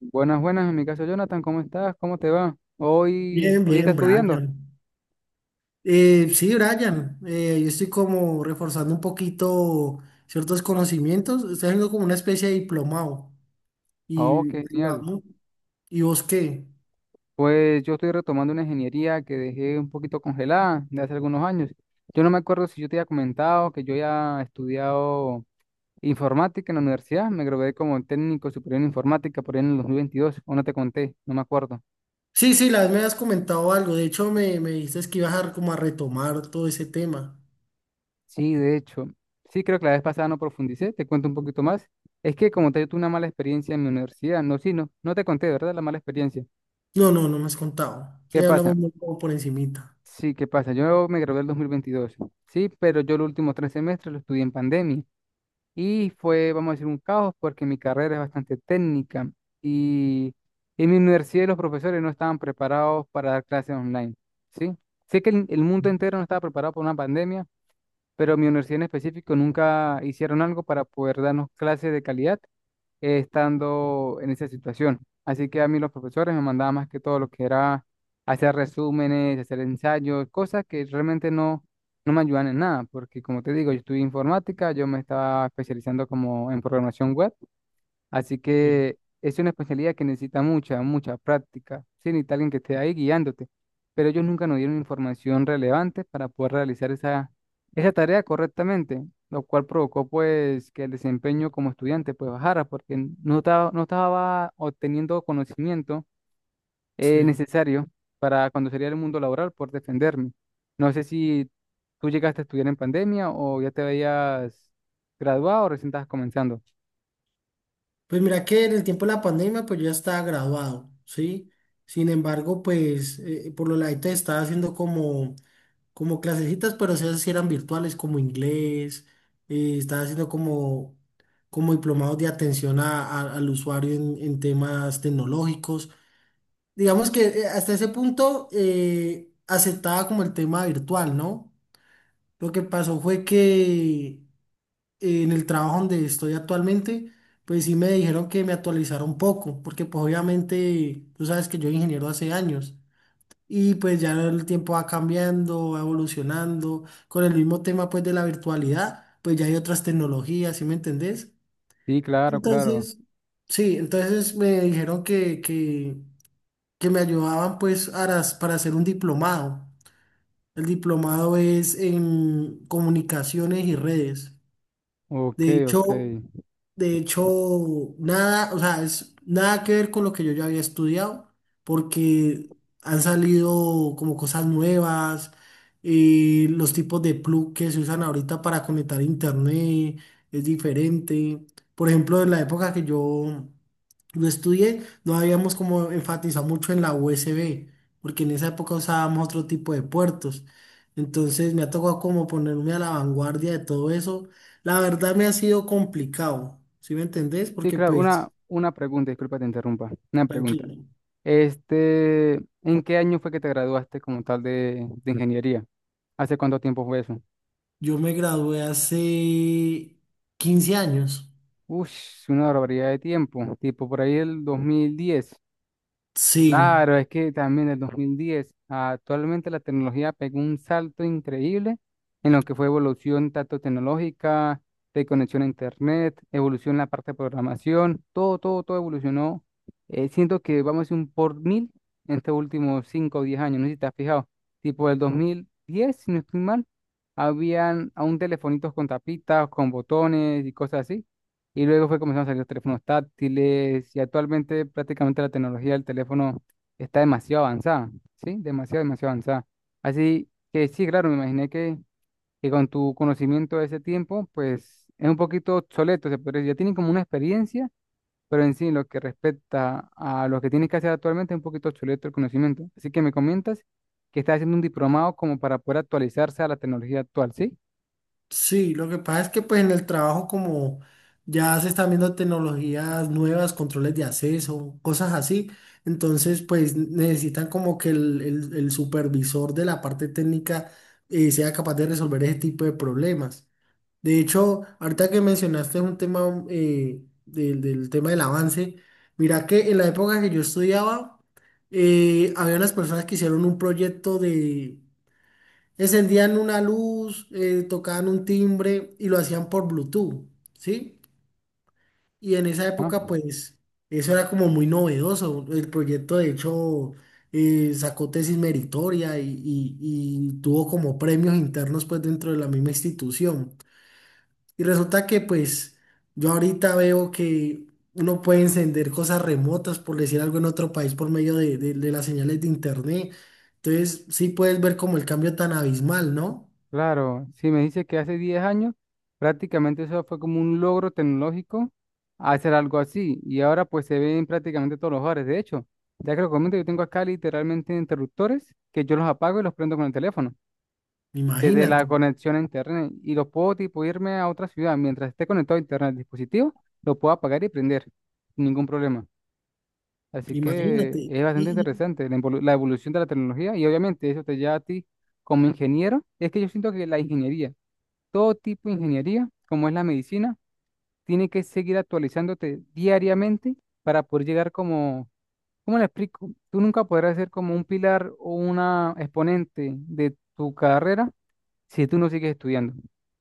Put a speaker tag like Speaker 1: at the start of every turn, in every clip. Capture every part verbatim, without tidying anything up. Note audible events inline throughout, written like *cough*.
Speaker 1: Buenas, buenas, en mi caso Jonathan, ¿cómo estás? ¿Cómo te va? Hoy,
Speaker 2: Bien,
Speaker 1: hoy estás
Speaker 2: bien,
Speaker 1: estudiando.
Speaker 2: Brian. Eh, sí, Brian, eh, yo estoy como reforzando un poquito ciertos conocimientos, estoy haciendo como una especie de diplomado
Speaker 1: Oh,
Speaker 2: y
Speaker 1: qué
Speaker 2: ahí
Speaker 1: genial.
Speaker 2: vamos. ¿Y vos qué?
Speaker 1: Pues yo estoy retomando una ingeniería que dejé un poquito congelada de hace algunos años. Yo no me acuerdo si yo te había comentado que yo ya he estudiado informática en la universidad. Me gradué como técnico superior en informática por ahí en el dos mil veintidós. O no te conté, no me acuerdo.
Speaker 2: Sí, sí, la vez me has comentado algo, de hecho me, me dices que ibas a como a retomar todo ese tema.
Speaker 1: Sí, de hecho. Sí, creo que la vez pasada no profundicé. Te cuento un poquito más. Es que como te digo, tuve una mala experiencia en mi universidad. No, sí, no, no te conté, ¿verdad? La mala experiencia.
Speaker 2: No, no, no me has contado, sí,
Speaker 1: ¿Qué pasa?
Speaker 2: hablamos muy como por encimita.
Speaker 1: Sí, ¿qué pasa? Yo me gradué en el dos mil veintidós, sí, pero yo los últimos tres semestres lo estudié en pandemia y fue, vamos a decir, un caos porque mi carrera es bastante técnica y en mi universidad los profesores no estaban preparados para dar clases online, sí. Sé que el, el mundo entero no estaba preparado para una pandemia, pero mi universidad en específico nunca hicieron algo para poder darnos clases de calidad, eh, estando en esa situación. Así que a mí los profesores me mandaban más que todo lo que era hacer resúmenes, hacer ensayos, cosas que realmente no, no me ayudan en nada, porque como te digo, yo estudié informática, yo me estaba especializando como en programación web. Así
Speaker 2: Sí.
Speaker 1: que es una especialidad que necesita mucha, mucha práctica. Sí, necesita alguien que esté ahí guiándote. Pero ellos nunca nos dieron información relevante para poder realizar esa, esa tarea correctamente, lo cual provocó pues que el desempeño como estudiante pues bajara porque no estaba, no estaba obteniendo conocimiento eh,
Speaker 2: Sí.
Speaker 1: necesario para cuando sería el mundo laboral por defenderme. No sé si tú llegaste a estudiar en pandemia o ya te habías graduado o recién estabas comenzando.
Speaker 2: Pues mira que en el tiempo de la pandemia pues yo ya estaba graduado, ¿sí? Sin embargo, pues eh, por lo ladito estaba haciendo como como clasecitas, pero esas sí eran virtuales, como inglés, eh, estaba haciendo como, como diplomados de atención a- a- al usuario en, en temas tecnológicos. Digamos que eh, hasta ese punto eh, aceptaba como el tema virtual, ¿no? Lo que pasó fue que eh, en el trabajo donde estoy actualmente, pues sí me dijeron que me actualizara un poco, porque pues obviamente tú sabes que yo soy ingeniero hace años. Y pues ya el tiempo va cambiando, va evolucionando. Con el mismo tema pues de la virtualidad, pues ya hay otras tecnologías, ¿sí me entendés?
Speaker 1: Sí, claro, claro.
Speaker 2: Entonces, sí, entonces me dijeron que, que, que me ayudaban pues para, para hacer un diplomado. El diplomado es en comunicaciones y redes.
Speaker 1: Ok,
Speaker 2: De
Speaker 1: ok.
Speaker 2: hecho, de hecho, nada, o sea, es nada que ver con lo que yo ya había estudiado, porque han salido como cosas nuevas, eh, los tipos de plug que se usan ahorita para conectar internet es diferente. Por ejemplo, en la época que yo lo estudié, no habíamos como enfatizado mucho en la U S B, porque en esa época usábamos otro tipo de puertos. Entonces me ha tocado como ponerme a la vanguardia de todo eso, la verdad me ha sido complicado, ¿sí me entendés?
Speaker 1: Sí,
Speaker 2: Porque
Speaker 1: claro, una,
Speaker 2: pues,
Speaker 1: una pregunta, disculpa te interrumpa. Una pregunta.
Speaker 2: tranquilo,
Speaker 1: Este, ¿en qué año fue que te graduaste como tal de, de ingeniería? ¿Hace cuánto tiempo fue eso?
Speaker 2: yo me gradué hace quince años.
Speaker 1: Ush, una barbaridad de tiempo, tipo por ahí el dos mil diez.
Speaker 2: Sí,
Speaker 1: Claro, es que también del dos mil diez a actualmente la tecnología pegó un salto increíble en lo que fue evolución tanto tecnológica, de conexión a internet, evolución en la parte de programación, todo, todo, todo evolucionó. Eh, siento que vamos a decir un por mil en estos últimos cinco o diez años, no sé si te has fijado, tipo del dos mil diez, si no estoy mal, habían aún telefonitos con tapitas, con botones y cosas así. Y luego fue comenzando a salir los teléfonos táctiles y actualmente prácticamente la tecnología del teléfono está demasiado avanzada, ¿sí? Demasiado, demasiado avanzada. Así que sí, claro, me imaginé que, que con tu conocimiento de ese tiempo, pues es un poquito obsoleto, se podría decir. Ya tienen como una experiencia, pero en sí, lo que respecta a lo que tienes que hacer actualmente, es un poquito obsoleto el conocimiento. Así que me comentas que estás haciendo un diplomado como para poder actualizarse a la tecnología actual, ¿sí?
Speaker 2: sí, lo que pasa es que pues en el trabajo como ya se están viendo tecnologías nuevas, controles de acceso, cosas así, entonces pues necesitan como que el, el- el supervisor de la parte técnica eh, sea capaz de resolver ese tipo de problemas. De hecho, ahorita que mencionaste un tema eh, del, del tema del avance, mira que en la época que yo estudiaba, eh, había unas personas que hicieron un proyecto de, encendían una luz, eh, tocaban un timbre y lo hacían por Bluetooth, ¿sí? Y en esa
Speaker 1: Ah,
Speaker 2: época, pues, eso era como muy novedoso. El proyecto, de hecho, eh, sacó tesis meritoria y, y y tuvo como premios internos, pues, dentro de la misma institución. Y resulta que pues yo ahorita veo que uno puede encender cosas remotas, por decir algo, en otro país por medio de, de- de las señales de internet. Entonces sí puedes ver como el cambio tan abismal, ¿no?
Speaker 1: claro, si me dice que hace diez años, prácticamente eso fue como un logro tecnológico hacer algo así. Y ahora pues se ve en prácticamente todos los hogares. De hecho, ya que lo comento, yo tengo acá literalmente interruptores que yo los apago y los prendo con el teléfono, desde
Speaker 2: Imagínate,
Speaker 1: la conexión a internet. Y los puedo tipo irme a otra ciudad. Mientras esté conectado a internet al dispositivo, lo puedo apagar y prender sin ningún problema. Así que
Speaker 2: imagínate.
Speaker 1: es bastante interesante la evolu- la evolución de la tecnología y obviamente eso te lleva a ti como ingeniero. Es que yo siento que la ingeniería, todo tipo de ingeniería, como es la medicina, tiene que seguir actualizándote diariamente para poder llegar como, ¿cómo le explico? Tú nunca podrás ser como un pilar o una exponente de tu carrera si tú no sigues estudiando,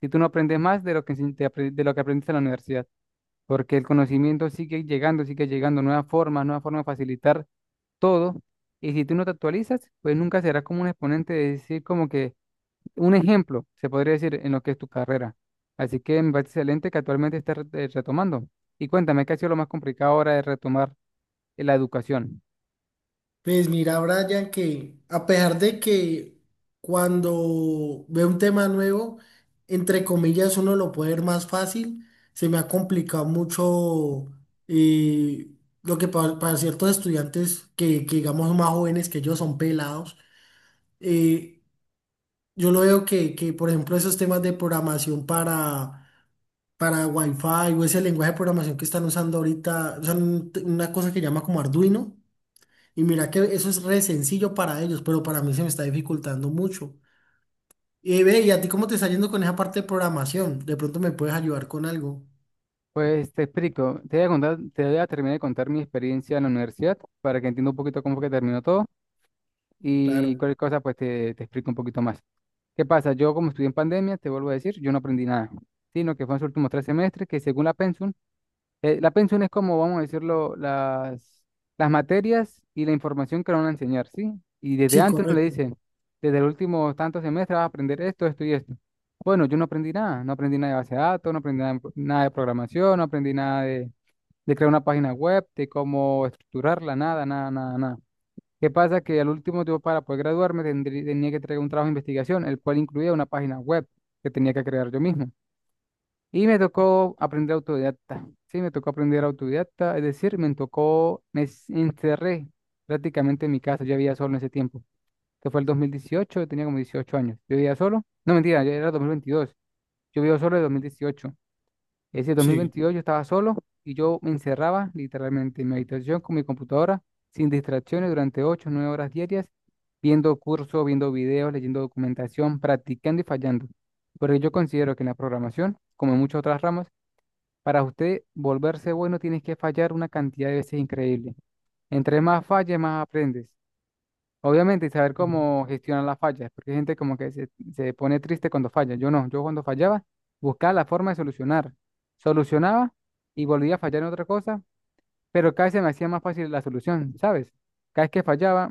Speaker 1: si tú no aprendes más de lo que, se- te apre- de lo que aprendiste en la universidad, porque el conocimiento sigue llegando, sigue llegando, nuevas formas, nuevas formas de facilitar todo, y si tú no te actualizas, pues nunca serás como un exponente de decir como que un ejemplo, se podría decir, en lo que es tu carrera. Así que me parece excelente que actualmente estés re- eh, retomando. Y cuéntame, ¿qué ha sido lo más complicado ahora de retomar, eh, la educación?
Speaker 2: Pues mira, Brian, que a pesar de que cuando veo un tema nuevo, entre comillas, uno lo puede ver más fácil, se me ha complicado mucho, eh, lo que pa- para ciertos estudiantes que, que digamos más jóvenes que yo, son pelados. eh, yo lo veo que, que, por ejemplo, esos temas de programación para, para Wi-Fi o ese lenguaje de programación que están usando ahorita, usan un- una cosa que llama como Arduino, y mira que eso es re sencillo para ellos, pero para mí se me está dificultando mucho. Y ve, ¿y a ti cómo te está yendo con esa parte de programación? De pronto me puedes ayudar con algo.
Speaker 1: Pues te explico, te voy a contar, te voy a terminar de contar mi experiencia en la universidad para que entienda un poquito cómo fue que terminó todo y
Speaker 2: Claro.
Speaker 1: cualquier cosa pues te, te explico un poquito más. ¿Qué pasa? Yo como estudié en pandemia, te vuelvo a decir, yo no aprendí nada, sino que fue en los últimos tres semestres que según la pensum. Eh, la pensión es como, vamos a decirlo, las, las materias y la información que le van a enseñar, ¿sí? Y desde
Speaker 2: Sí,
Speaker 1: antes uno le
Speaker 2: correcto.
Speaker 1: dicen, desde el último tanto semestre vas a aprender esto, esto y esto. Bueno, yo no aprendí nada, no aprendí nada de base de datos, no aprendí nada, de pro- nada de programación, no aprendí nada de, de crear una página web, de cómo estructurarla, nada, nada, nada, nada. ¿Qué pasa? Que al último yo para poder graduarme tendrí- tenía que traer un trabajo de investigación, el cual incluía una página web que tenía que crear yo mismo. Y me tocó aprender autodidacta. Sí, me tocó aprender autodidacta, es decir, me tocó, me s- encerré prácticamente en mi casa. Yo vivía solo en ese tiempo, que fue el dos mil dieciocho, yo tenía como dieciocho años. Yo vivía solo, no mentira, ya era dos mil veintidós. Yo vivía solo en dos mil dieciocho. Ese
Speaker 2: Sí.
Speaker 1: veintidós yo estaba solo y yo me encerraba literalmente en mi habitación con mi computadora, sin distracciones durante ocho o nueve horas diarias, viendo cursos, viendo videos, leyendo documentación, practicando y fallando. Porque yo considero que en la programación, como en muchas otras ramas, para usted volverse bueno tienes que fallar una cantidad de veces increíble. Entre más falles, más aprendes. Obviamente, saber
Speaker 2: Sí.
Speaker 1: cómo gestionar las fallas, porque hay gente como que se, se pone triste cuando falla. Yo no, yo cuando fallaba buscaba la forma de solucionar. Solucionaba y volvía a fallar en otra cosa, pero cada vez se me hacía más fácil la solución, ¿sabes? Cada vez que fallaba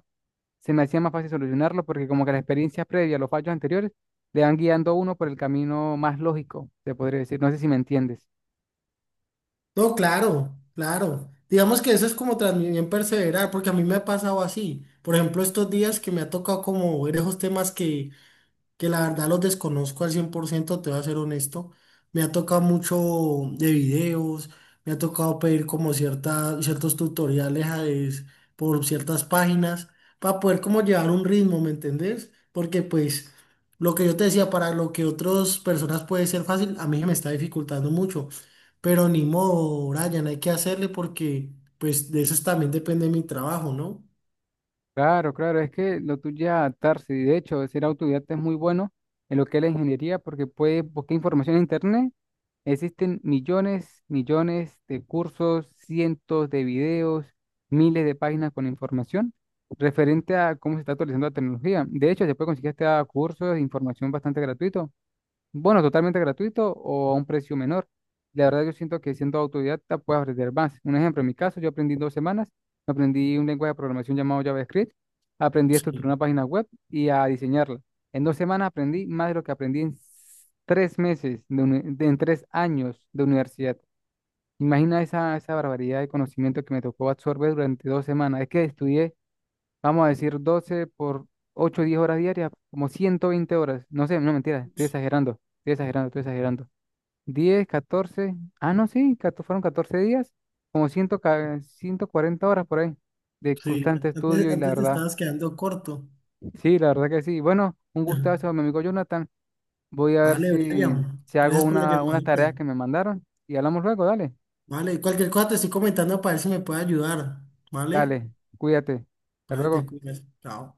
Speaker 1: se me hacía más fácil solucionarlo porque como que la experiencia previa, los fallos anteriores, le van guiando a uno por el camino más lógico, te podría decir. No sé si me entiendes.
Speaker 2: No, claro, claro. Digamos que eso es como también perseverar, porque a mí me ha pasado así. Por ejemplo, estos días que me ha tocado como ver esos temas que que la verdad los desconozco al cien por ciento, te voy a ser honesto. Me ha tocado mucho de videos, me ha tocado pedir como cierta, ciertos tutoriales a es- por ciertas páginas para poder como llevar un ritmo, ¿me entendés? Porque pues lo que yo te decía, para lo que otras personas puede ser fácil, a mí se me está dificultando mucho. Pero ni modo, Brian, hay que hacerle porque pues de eso también depende mi trabajo, ¿no?
Speaker 1: Claro, claro, es que lo tuyo es adaptarse y de hecho ser autodidacta es muy bueno en lo que es la ingeniería porque puedes buscar información en internet. Existen millones, millones de cursos, cientos de videos, miles de páginas con información referente a cómo se está actualizando la tecnología. De hecho, se puede conseguir hasta cursos de información bastante gratuito, bueno, totalmente gratuito o a un precio menor. La verdad yo siento que siendo autodidacta puedes aprender más. Un ejemplo, en mi caso, yo aprendí en dos semanas, aprendí un lenguaje de programación llamado JavaScript, aprendí a estructurar
Speaker 2: Sí,
Speaker 1: una página web y a diseñarla. En dos semanas aprendí más de lo que aprendí en s- tres meses, de uni- de- en tres años de universidad. Imagina esa, esa barbaridad de conocimiento que me tocó absorber durante dos semanas. Es que estudié, vamos a decir, doce por ocho, diez horas diarias, como ciento veinte horas. No sé, no mentira, estoy exagerando, estoy exagerando, estoy exagerando. Diez, catorce, ah, no, sí, cato- fueron catorce días, como cien, ca- ciento cuarenta horas por ahí, de
Speaker 2: sí.
Speaker 1: constante
Speaker 2: Antes,
Speaker 1: estudio y la
Speaker 2: antes te
Speaker 1: verdad,
Speaker 2: estabas quedando corto.
Speaker 1: sí, la verdad que sí. Bueno, un
Speaker 2: *laughs*
Speaker 1: gustazo, mi amigo Jonathan. Voy a ver
Speaker 2: Vale,
Speaker 1: si,
Speaker 2: Brian,
Speaker 1: si hago
Speaker 2: gracias por la
Speaker 1: una, unas tareas
Speaker 2: llamadita.
Speaker 1: que me mandaron y hablamos luego, dale,
Speaker 2: Vale, cualquier cosa te estoy comentando para ver si me puede ayudar. Vale,
Speaker 1: dale, cuídate, hasta
Speaker 2: vale, te
Speaker 1: luego.
Speaker 2: cuidas. Chao.